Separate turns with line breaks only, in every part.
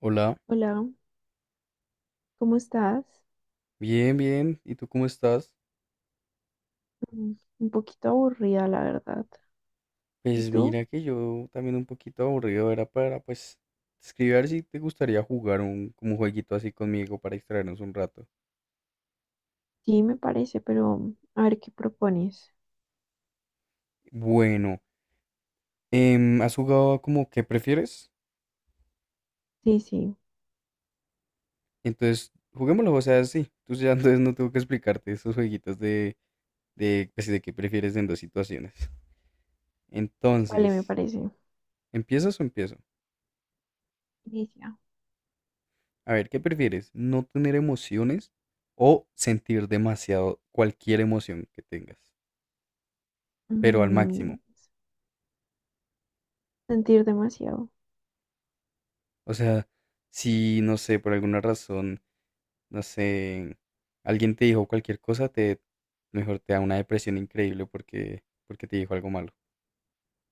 Hola,
Hola, ¿cómo estás?
bien, bien. ¿Y tú cómo estás?
Mm, un poquito aburrida, la verdad. ¿Y
Pues
tú?
mira que yo también un poquito aburrido era para pues escribir a ver si te gustaría jugar un como un jueguito así conmigo para distraernos un rato.
Sí, me parece, pero a ver qué propones.
Bueno, ¿has jugado como qué prefieres?
Sí, sí,
Entonces, juguémoslo, o sea, sí. Tú ya entonces no tengo que explicarte esos jueguitos de pues, sí, de qué prefieres en dos situaciones.
vale, me
Entonces,
parece.
¿empiezas o empiezo?
Inicia.
A ver, ¿qué prefieres? ¿No tener emociones o sentir demasiado cualquier emoción que tengas, pero al
Mm,
máximo?
Sentir demasiado.
O sea, si, no sé, por alguna razón, no sé, alguien te dijo cualquier cosa, te mejor te da una depresión increíble porque te dijo algo malo.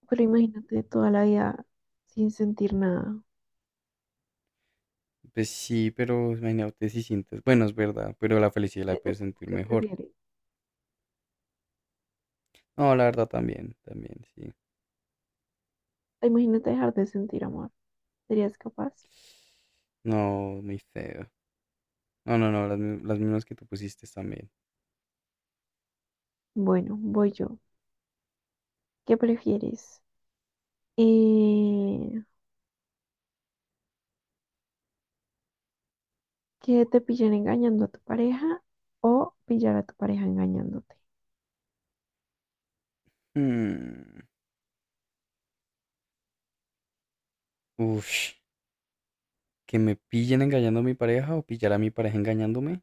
Pero imagínate toda la vida sin sentir nada.
Pues sí, pero imagínate si sientes, bueno, es verdad, pero la felicidad la
¿E-
puedes
es lo
sentir
que
mejor.
prefieres?
No, la verdad también, también, sí.
Imagínate dejar de sentir amor. ¿Serías capaz?
No, muy feo. No, no, no, las, las mismas que tú pusiste también.
Bueno, voy yo. ¿Qué prefieres? Eh, ¿Que te pillen engañando a tu pareja o pillar a tu pareja engañándote?
Mm, ush, que me pillen engañando a mi pareja o pillar a mi pareja engañándome.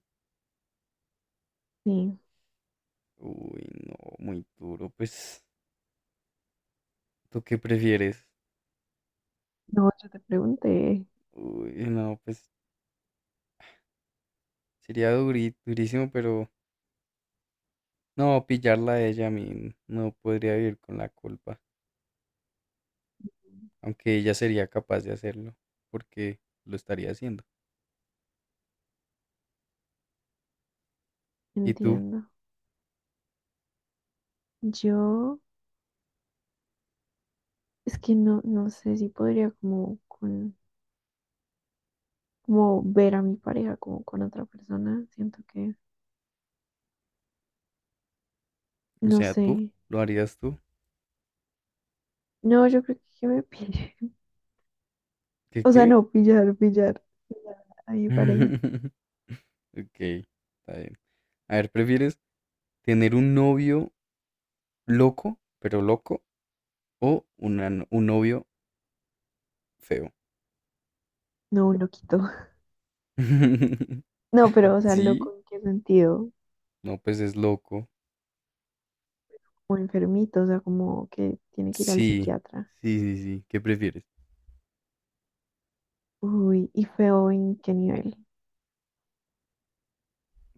Sí.
Uy, no, muy duro. Pues, ¿tú qué prefieres?
No, yo te pregunté.
Uy, no, pues sería durísimo, pero no, pillarla a ella a mí no podría vivir con la culpa, aunque ella sería capaz de hacerlo, porque lo estaría haciendo. ¿Y tú?
Entiendo. Yo es que no, no sé si podría como con como ver a mi pareja como con otra persona. Siento que
O
no
sea, ¿tú?
sé.
¿Lo harías tú?
No, yo creo que me pille.
¿Qué
O sea,
qué?
no, pillar, pillar. Pillar a mi pareja.
Ok, está bien. A ver, ¿prefieres tener un novio loco, pero loco? O una un novio feo.
No, un loquito. No, pero o sea,
Sí,
loco en qué sentido.
no, pues es loco.
Como enfermito, o sea, como que tiene que ir al
Sí,
psiquiatra.
sí, sí, sí. ¿Qué prefieres?
Uy, y feo en qué nivel.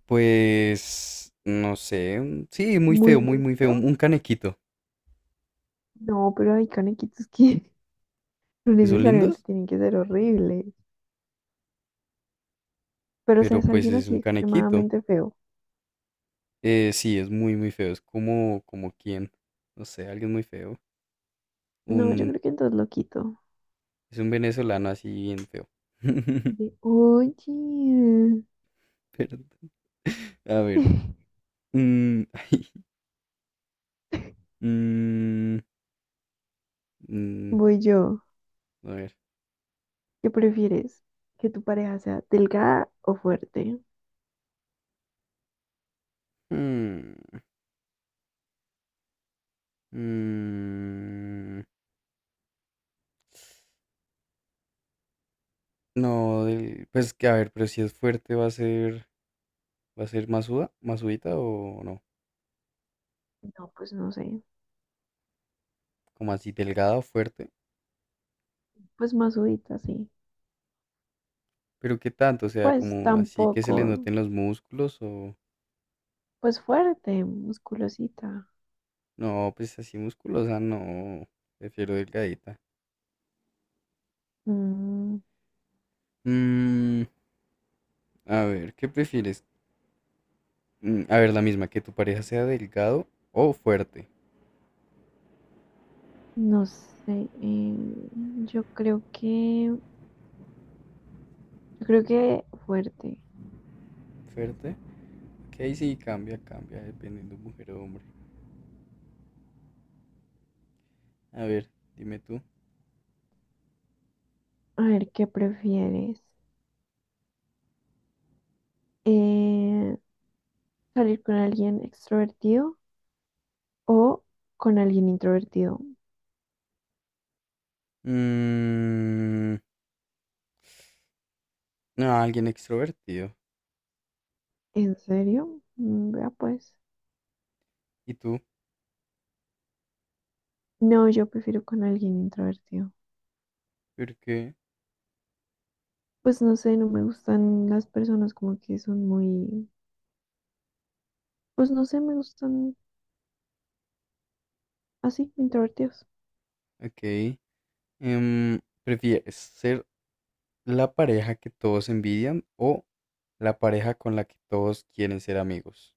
Pues, no sé. Sí, muy feo,
Muy,
muy,
muy
muy feo.
feo.
Un canequito,
No, pero hay canequitos que no
que son lindos,
necesariamente tienen que ser horribles, pero o sea,
pero
es
pues
alguien
es un
así
canequito.
extremadamente feo.
Sí, es muy, muy feo. Es como, como quien, no sé, alguien muy feo.
No, yo
Un,
creo que entonces lo quito.
es un venezolano así bien feo.
De, oye,
Perdón. A ver. mm, mm, mm,
voy yo.
a ver.
¿Qué prefieres? ¿Que tu pareja sea delgada o fuerte?
mm. Mm, no, pues que a ver, pero si es fuerte va a ser masuda, masudita o no,
No, pues no sé.
como así delgada o fuerte,
Pues masudita, sí.
pero qué tanto, o sea,
Pues
como así que se le
tampoco.
noten los músculos o
Pues fuerte, musculosita.
no, pues así musculosa, no, prefiero delgadita.
Mm,
Mm, a ver, ¿qué prefieres? A ver, la misma, que tu pareja sea delgado o fuerte.
no sé. Yo creo que, yo creo que fuerte.
Fuerte, que ahí sí cambia, cambia, dependiendo mujer o hombre. A ver, dime tú.
A ver, ¿qué prefieres? eh, Salir con alguien extrovertido o con alguien introvertido.
Mm, No, alguien extrovertido.
¿En serio? Mm, vea pues.
¿Y tú?
No, yo prefiero con alguien introvertido.
¿Por qué?
Pues no sé, no me gustan las personas como que son muy, pues no sé, me gustan así, introvertidos.
Ok. ¿Prefieres ser la pareja que todos envidian o la pareja con la que todos quieren ser amigos?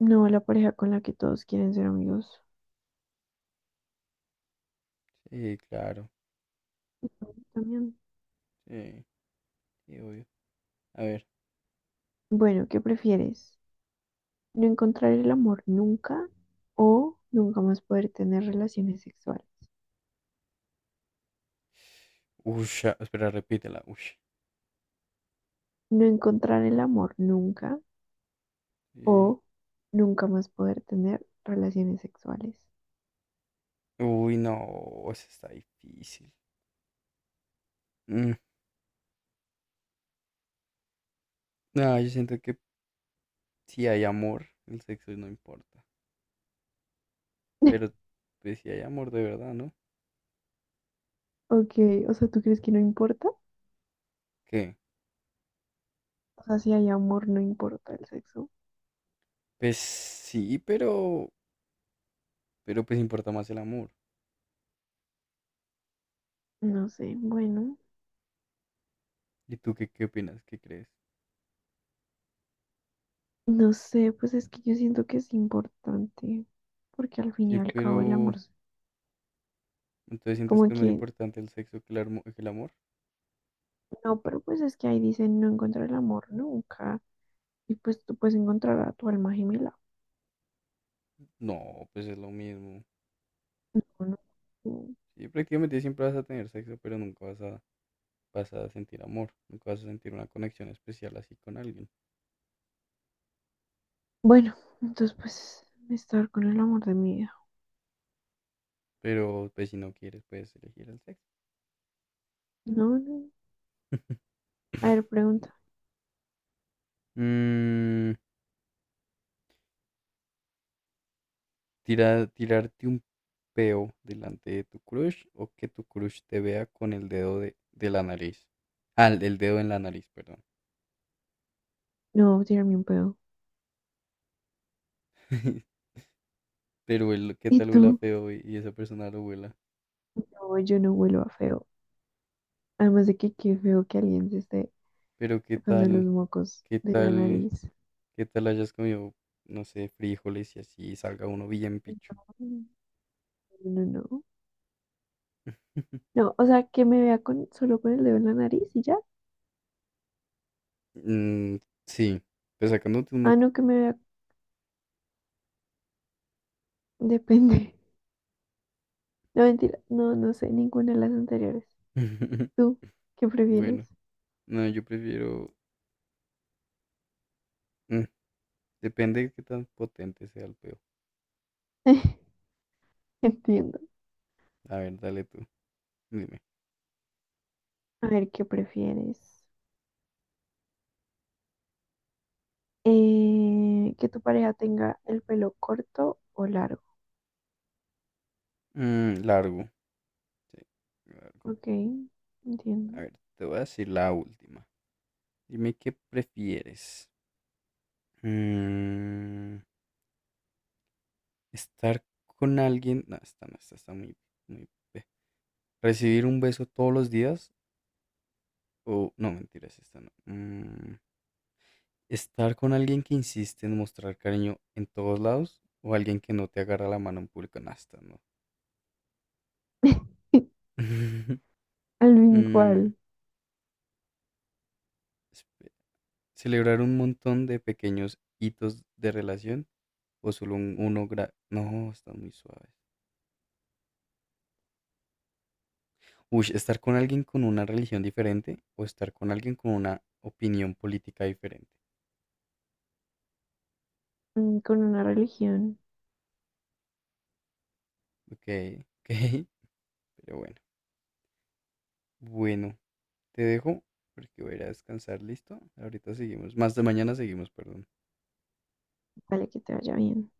No, la pareja con la que todos quieren ser amigos
Sí, claro.
también.
Sí, sí, obvio. A ver.
Bueno, ¿qué prefieres? ¿No encontrar el amor nunca o nunca más poder tener relaciones sexuales?
Ush, ah, espera, repítela. Ush.
No encontrar el amor nunca
Sí.
o nunca más poder tener relaciones sexuales.
Uy, no, eso está difícil. Mm, No, yo siento que si hay amor, el sexo no importa. Pero pues si hay amor de verdad, ¿no?
Ok, o sea, ¿tú crees que no importa?
¿Qué?
O sea, si hay amor, no importa el sexo.
Pues sí, pero pues importa más el amor.
No sé, bueno,
¿Y tú qué, qué opinas? ¿Qué crees?
no sé, pues es que yo siento que es importante, porque al fin y
Sí,
al cabo el amor,
pero
es
entonces ¿sientes
como
que es más
que,
importante el sexo que el, que el amor?
no, pero pues es que ahí dicen no encontrar el amor nunca, y pues tú puedes encontrar a tu alma gemela,
No, pues es lo mismo.
¿o no? Mm.
Sí, prácticamente siempre vas a tener sexo, pero nunca vas a, vas a sentir amor, nunca vas a sentir una conexión especial así con alguien.
Bueno, entonces pues estar con el amor de mi vida.
Pero pues si no quieres, puedes elegir el sexo.
No, no. A ver, pregunta.
Mm, tirarte un peo delante de tu crush o que tu crush te vea con el dedo de la nariz. Ah, el dedo en la nariz, perdón.
No, tirarme un pedo.
Pero qué
¿Y
tal huela
tú?
feo y esa persona lo huela.
No, yo no huelo a feo. Además de que qué feo que alguien se esté
Pero qué
sacando los
tal,
mocos
qué
de la
tal,
nariz.
qué tal hayas comido, no sé, frijoles y así salga uno bien picho.
No, no, no. No, no, o sea, que me vea con solo con el dedo en la nariz y ya.
Mm, sí, pues sacándote un
Ah,
moco.
no, que me vea. Depende. No, mentira. No, no sé ninguna de las anteriores. ¿Tú qué prefieres?
Bueno, no, yo prefiero. mm, depende de qué tan potente sea el peo.
Entiendo.
A ver, dale tú, dime.
A ver, ¿qué prefieres? Que tu pareja tenga el pelo corto o largo.
Mm, largo. Sí, largo.
Ok,
A
entiendo.
ver, te voy a decir la última. Dime qué prefieres. Mm, Estar con alguien, no, esta no, esta está muy, muy, recibir un beso todos los días o, no, mentiras, esta no. Estar con alguien que insiste en mostrar cariño en todos lados o alguien que no te agarra la mano en público, no, esta no.
Alvin,
Mm,
¿cuál?
espe- celebrar un montón de pequeños hitos de relación o solo uno, no, están muy suaves. Uy, estar con alguien con una religión diferente o estar con alguien con una opinión política diferente.
Mm, con una religión.
Ok, ok, pero bueno. Bueno, te dejo porque voy a ir a descansar, ¿listo? Ahorita seguimos, más de mañana seguimos, perdón.
Vale, que te vaya bien.